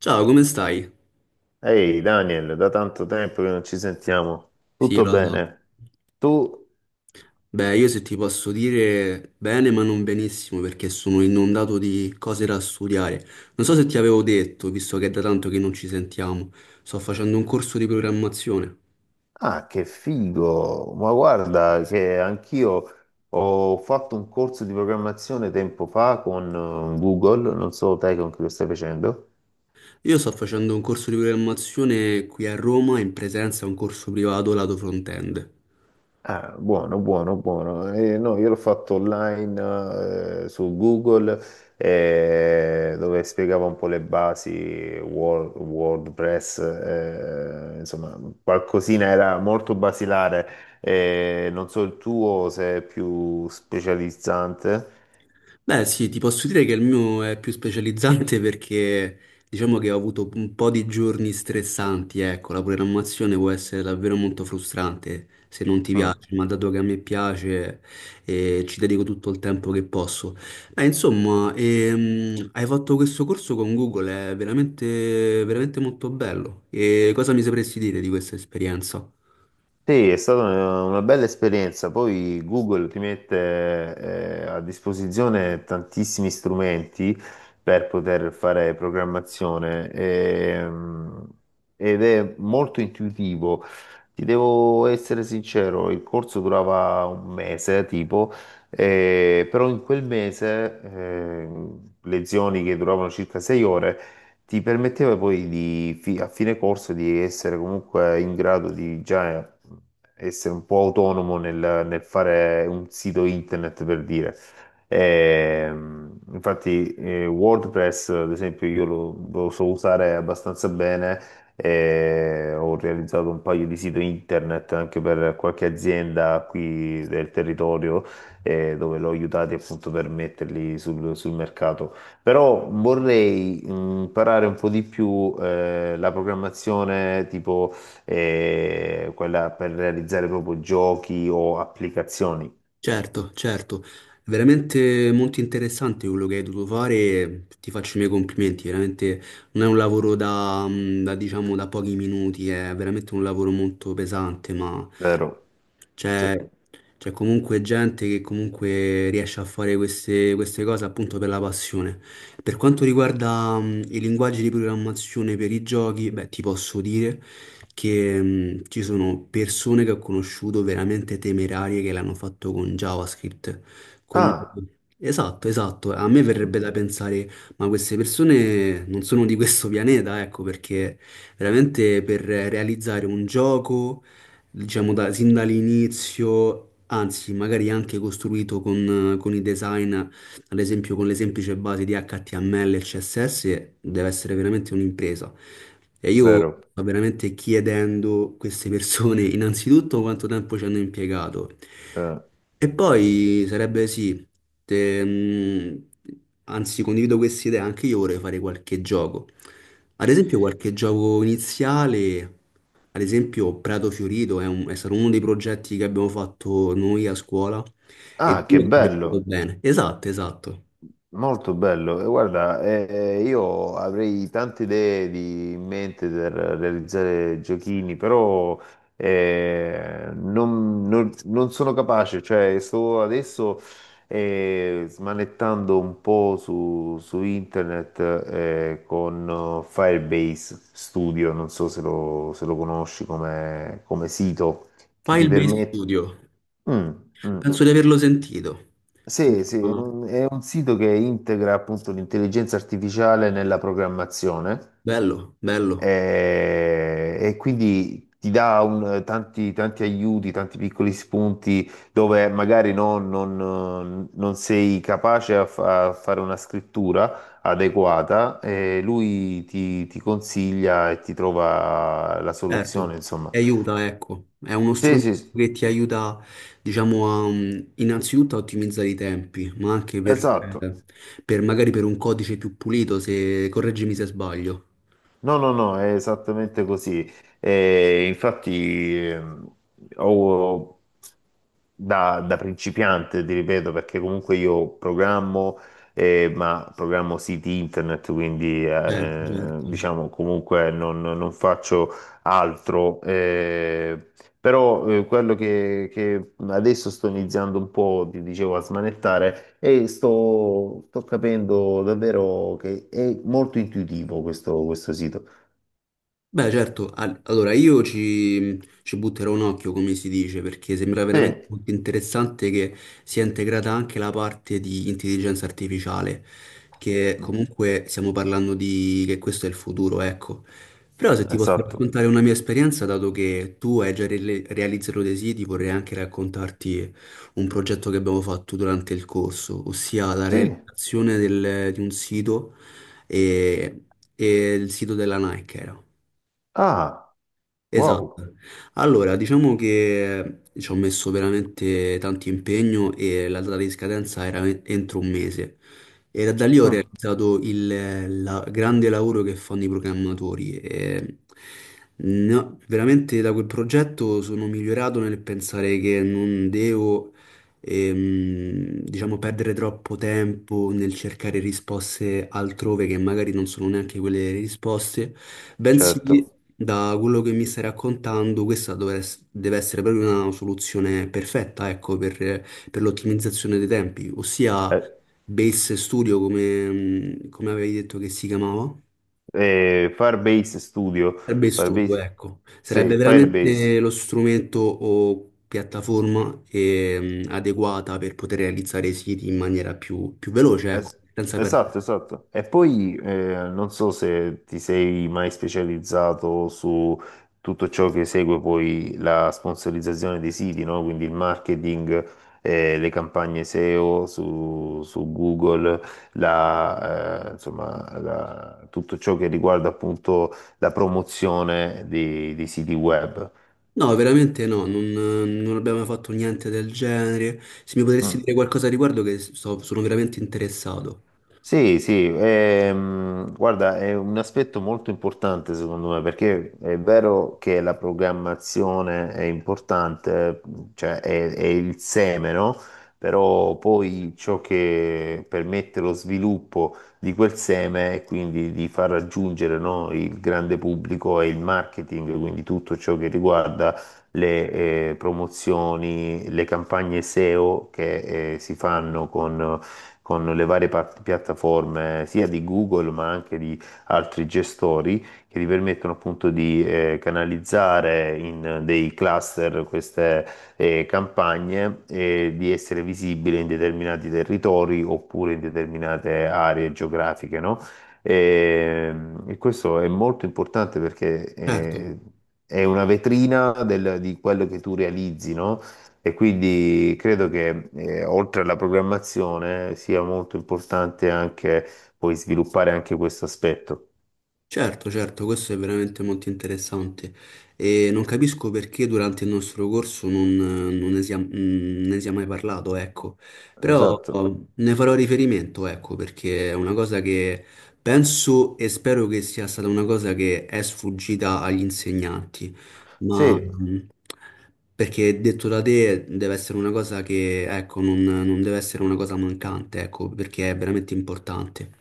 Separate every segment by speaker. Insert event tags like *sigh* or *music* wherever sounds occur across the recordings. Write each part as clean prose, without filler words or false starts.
Speaker 1: Ciao, come stai?
Speaker 2: Ehi Daniel, da tanto tempo che non ci sentiamo.
Speaker 1: Sì,
Speaker 2: Tutto
Speaker 1: lo so.
Speaker 2: bene? Tu?
Speaker 1: Beh, io se ti posso dire bene, ma non benissimo, perché sono inondato di cose da studiare. Non so se ti avevo detto, visto che è da tanto che non ci sentiamo, sto facendo un corso di programmazione.
Speaker 2: Ah, che figo! Ma guarda che anch'io ho fatto un corso di programmazione tempo fa con Google, non so te con chi lo stai facendo.
Speaker 1: Io sto facendo un corso di programmazione qui a Roma, in presenza a un corso privato lato front-end.
Speaker 2: Ah, buono, buono, buono. No, io l'ho fatto online su Google dove spiegava un po' le basi WordPress, insomma, qualcosina era molto basilare. Non so il tuo se è più specializzante.
Speaker 1: Beh, sì, ti posso dire che il mio è più specializzante *laughs* perché diciamo che ho avuto un po' di giorni stressanti, ecco, la programmazione può essere davvero molto frustrante se non ti
Speaker 2: Mm.
Speaker 1: piace, ma dato che a me piace ci dedico tutto il tempo che posso. Beh, insomma, hai fatto questo corso con Google, è veramente, veramente molto bello. E cosa mi sapresti dire di questa esperienza?
Speaker 2: Sì, è stata una bella esperienza. Poi Google ti mette a disposizione tantissimi strumenti per poter fare programmazione. Ed è molto intuitivo. Ti devo essere sincero, il corso durava un mese, tipo. Però in quel mese, lezioni che duravano circa sei ore, ti permetteva poi a fine corso di essere comunque in grado di già essere un po' autonomo nel fare un sito internet per dire. Infatti, WordPress, ad esempio, lo so usare abbastanza bene. E ho realizzato un paio di siti internet anche per qualche azienda qui del territorio dove l'ho aiutati appunto per metterli sul mercato. Però vorrei imparare un po' di più la programmazione tipo quella per realizzare proprio giochi o applicazioni,
Speaker 1: Certo, certo, veramente molto interessante quello che hai dovuto fare, ti faccio i miei complimenti, veramente non è un lavoro da, diciamo da pochi minuti, è veramente un lavoro molto pesante, ma
Speaker 2: vero? Sì.
Speaker 1: c'è c'è comunque gente che comunque riesce a fare queste cose appunto per la passione. Per quanto riguarda i linguaggi di programmazione per i giochi, beh, ti posso dire che ci sono persone che ho conosciuto veramente temerarie che l'hanno fatto con JavaScript. con-
Speaker 2: Ah,
Speaker 1: Esatto, esatto. A me verrebbe da pensare, ma queste persone non sono di questo pianeta, ecco, perché veramente per realizzare un gioco diciamo sin dall'inizio, anzi magari anche costruito con i design, ad esempio con le semplici basi di HTML e CSS, deve essere veramente un'impresa. E io
Speaker 2: vero.
Speaker 1: sto veramente chiedendo a queste persone *laughs* innanzitutto quanto tempo ci hanno impiegato.
Speaker 2: Eh,
Speaker 1: E poi sarebbe sì, te- mh, anzi condivido questa idea, anche io vorrei fare qualche gioco. Ad esempio qualche gioco iniziale, ad esempio Prato Fiorito è, è stato uno dei progetti che abbiamo fatto noi a scuola e
Speaker 2: Ah, che
Speaker 1: Dio che mi è venuto
Speaker 2: bello.
Speaker 1: bene. Esatto, esatto.
Speaker 2: Molto bello, e guarda, io avrei tante idee in mente per realizzare giochini, però non sono capace, cioè sto adesso smanettando un po' su internet con Firebase Studio, non so se lo conosci come sito che ti
Speaker 1: Firebase
Speaker 2: permette...
Speaker 1: Studio.
Speaker 2: Mm, mm.
Speaker 1: Penso di averlo sentito.
Speaker 2: Sì, sì,
Speaker 1: Ah,
Speaker 2: è un sito che integra appunto l'intelligenza artificiale nella programmazione
Speaker 1: bello, bello.
Speaker 2: e quindi ti dà tanti aiuti, tanti piccoli spunti dove magari non sei capace a fare una scrittura adeguata e lui ti consiglia e ti trova la
Speaker 1: Certo,
Speaker 2: soluzione, insomma.
Speaker 1: ti aiuta, ecco. È uno
Speaker 2: Sì,
Speaker 1: strumento
Speaker 2: sì, sì,
Speaker 1: che ti aiuta, diciamo, a, innanzitutto a ottimizzare i tempi, ma anche
Speaker 2: esatto.
Speaker 1: eh, per magari per un codice più pulito, se correggimi se sbaglio.
Speaker 2: No, no, no, è esattamente così. Eh, infatti, ehm, ho, Da principiante, ti ripeto, perché comunque io programmo, ma programmo siti internet, quindi
Speaker 1: Certo, certo.
Speaker 2: diciamo comunque non faccio altro. Però Quello che adesso sto iniziando un po', ti dicevo, a smanettare e sto capendo davvero che è molto intuitivo questo sito.
Speaker 1: Beh, certo, allora io ci butterò un occhio, come si dice, perché sembra
Speaker 2: Sì,
Speaker 1: veramente molto interessante che sia integrata anche la parte di intelligenza artificiale, che
Speaker 2: mm,
Speaker 1: comunque stiamo parlando di che questo è il futuro, ecco. Però se ti posso
Speaker 2: esatto.
Speaker 1: raccontare una mia esperienza, dato che tu hai già realizzato dei siti, vorrei anche raccontarti un progetto che abbiamo fatto durante il corso, ossia la
Speaker 2: Sì.
Speaker 1: realizzazione di un sito e, e il sito della Nike era.
Speaker 2: Ah, wow.
Speaker 1: Esatto. Allora, diciamo che ci ho messo veramente tanto impegno e la data di scadenza era entro 1 mese. E da, da lì ho
Speaker 2: Mm,
Speaker 1: realizzato il grande lavoro che fanno i programmatori. E no, veramente da quel progetto sono migliorato nel pensare che non devo, diciamo, perdere troppo tempo nel cercare risposte altrove che magari non sono neanche quelle risposte. Bensì
Speaker 2: certo.
Speaker 1: da quello che mi stai raccontando, deve essere proprio una soluzione perfetta, ecco, per l'ottimizzazione dei tempi, ossia
Speaker 2: Eh,
Speaker 1: Base Studio, come, come avevi detto che si chiamava?
Speaker 2: Firebase Studio.
Speaker 1: Sarebbe il Studio,
Speaker 2: Firebase.
Speaker 1: ecco. Sarebbe
Speaker 2: Sì, Firebase.
Speaker 1: veramente lo strumento o piattaforma adeguata per poter realizzare i siti in maniera più, più veloce, ecco,
Speaker 2: Es-
Speaker 1: senza perdere.
Speaker 2: esatto, esatto. E poi non so se ti sei mai specializzato su tutto ciò che segue poi la sponsorizzazione dei siti, no? Quindi il marketing, le campagne SEO su Google, insomma, tutto ciò che riguarda appunto la promozione dei siti web.
Speaker 1: No, veramente no, non, non abbiamo mai fatto niente del genere. Se mi potresti
Speaker 2: Mm.
Speaker 1: dire qualcosa a riguardo, che sono veramente interessato.
Speaker 2: Sì, sì, guarda, è un aspetto molto importante secondo me, perché è vero che la programmazione è importante, cioè è il seme, no? Però poi ciò che permette lo sviluppo di quel seme e quindi di far raggiungere, no, il grande pubblico è il marketing, quindi tutto ciò che riguarda le promozioni, le campagne SEO che si fanno con le varie piattaforme sia di Google ma anche di altri gestori che ti permettono appunto di canalizzare in dei cluster queste campagne e di essere visibile in determinati territori oppure in determinate aree geografiche, no? E, e questo è molto importante perché
Speaker 1: Certo.
Speaker 2: è una vetrina di quello che tu realizzi, no? E quindi credo che oltre alla programmazione sia molto importante anche poi sviluppare anche questo aspetto.
Speaker 1: Certo, certo, questo è veramente molto interessante e non capisco perché durante il nostro corso non, non ne sia, mm, ne sia mai parlato, ecco, però
Speaker 2: Esatto.
Speaker 1: oh, ne farò riferimento, ecco, perché è una cosa che penso e spero che sia stata una cosa che è sfuggita agli insegnanti, ma
Speaker 2: Sì,
Speaker 1: perché detto da te deve essere una cosa che, ecco, non deve essere una cosa mancante, ecco, perché è veramente importante.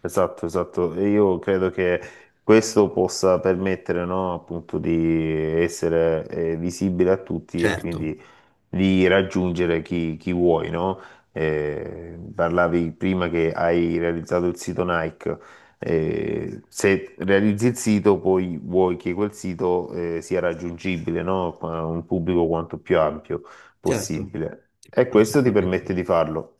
Speaker 2: esatto, esatto. E io credo che questo possa permettere, no, appunto di essere visibile a tutti e
Speaker 1: Certo.
Speaker 2: quindi di raggiungere chi vuoi, no? Parlavi prima che hai realizzato il sito Nike. Se realizzi il sito, poi vuoi che quel sito sia raggiungibile, no? A un pubblico quanto più ampio
Speaker 1: Certo,
Speaker 2: possibile. E questo ti
Speaker 1: assolutamente.
Speaker 2: permette di farlo.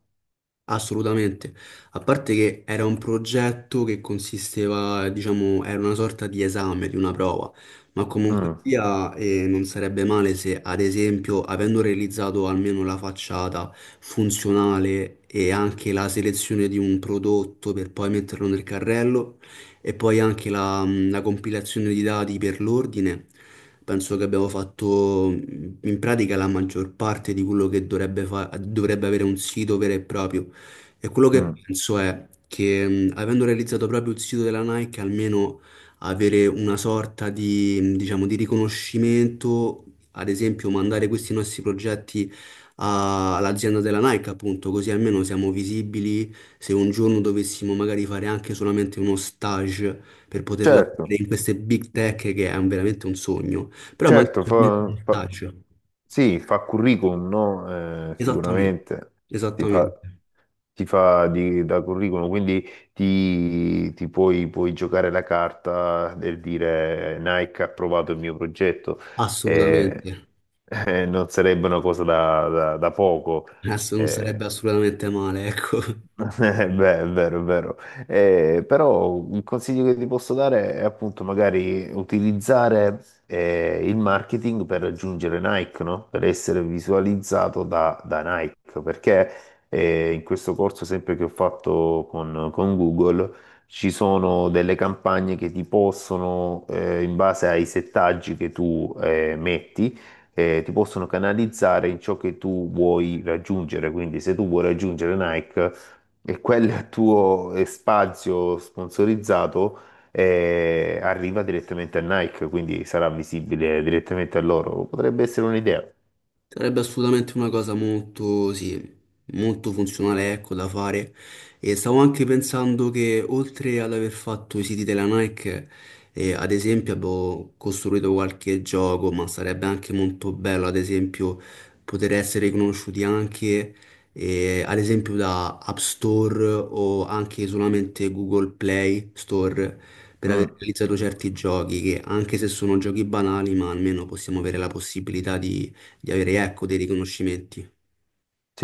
Speaker 1: Assolutamente, a parte che era un progetto che consisteva, diciamo, era una sorta di esame, di una prova, ma comunque
Speaker 2: Mm,
Speaker 1: sia non sarebbe male se, ad esempio, avendo realizzato almeno la facciata funzionale e anche la selezione di un prodotto per poi metterlo nel carrello e poi anche la, la compilazione di dati per l'ordine, penso che abbiamo fatto in pratica la maggior parte di quello che dovrebbe avere un sito vero e proprio. E quello che
Speaker 2: mm.
Speaker 1: penso è che avendo realizzato proprio il sito della Nike, almeno avere una sorta di, diciamo, di riconoscimento, ad esempio mandare questi nostri progetti all'azienda della Nike, appunto, così almeno siamo visibili se un giorno dovessimo magari fare anche solamente uno stage per poter
Speaker 2: Certo.
Speaker 1: lavorare in queste big tech che è veramente un sogno, però magari
Speaker 2: Certo,
Speaker 1: solamente uno stage.
Speaker 2: sì, fa curriculum, no?
Speaker 1: Esattamente,
Speaker 2: Sicuramente ti fa,
Speaker 1: esattamente,
Speaker 2: ti fa da curriculum, quindi puoi giocare la carta del dire Nike ha approvato il mio progetto, eh,
Speaker 1: assolutamente.
Speaker 2: *laughs* non sarebbe una cosa da poco.
Speaker 1: *laughs* Adesso non sarebbe
Speaker 2: eh,
Speaker 1: assolutamente male, ecco. *laughs*
Speaker 2: eh, Beh, è vero, è vero. Però il consiglio che ti posso dare è appunto magari utilizzare il marketing per raggiungere Nike, no? Per essere visualizzato da Nike, perché in questo corso sempre che ho fatto con Google ci sono delle campagne che ti possono, in base ai settaggi che tu metti, ti possono canalizzare in ciò che tu vuoi raggiungere. Quindi se tu vuoi raggiungere Nike e quel tuo spazio sponsorizzato arriva direttamente a Nike, quindi sarà visibile direttamente a loro. Potrebbe essere un'idea.
Speaker 1: Sarebbe assolutamente una cosa molto, sì, molto funzionale, ecco, da fare. E stavo anche pensando che oltre ad aver fatto i siti della Nike, ad esempio abbiamo costruito qualche gioco, ma sarebbe anche molto bello, ad esempio, poter essere riconosciuti anche, ad esempio, da App Store o anche solamente Google Play Store per aver
Speaker 2: Mm.
Speaker 1: realizzato certi giochi che, anche se sono giochi banali, ma almeno possiamo avere la possibilità di avere, ecco, dei riconoscimenti.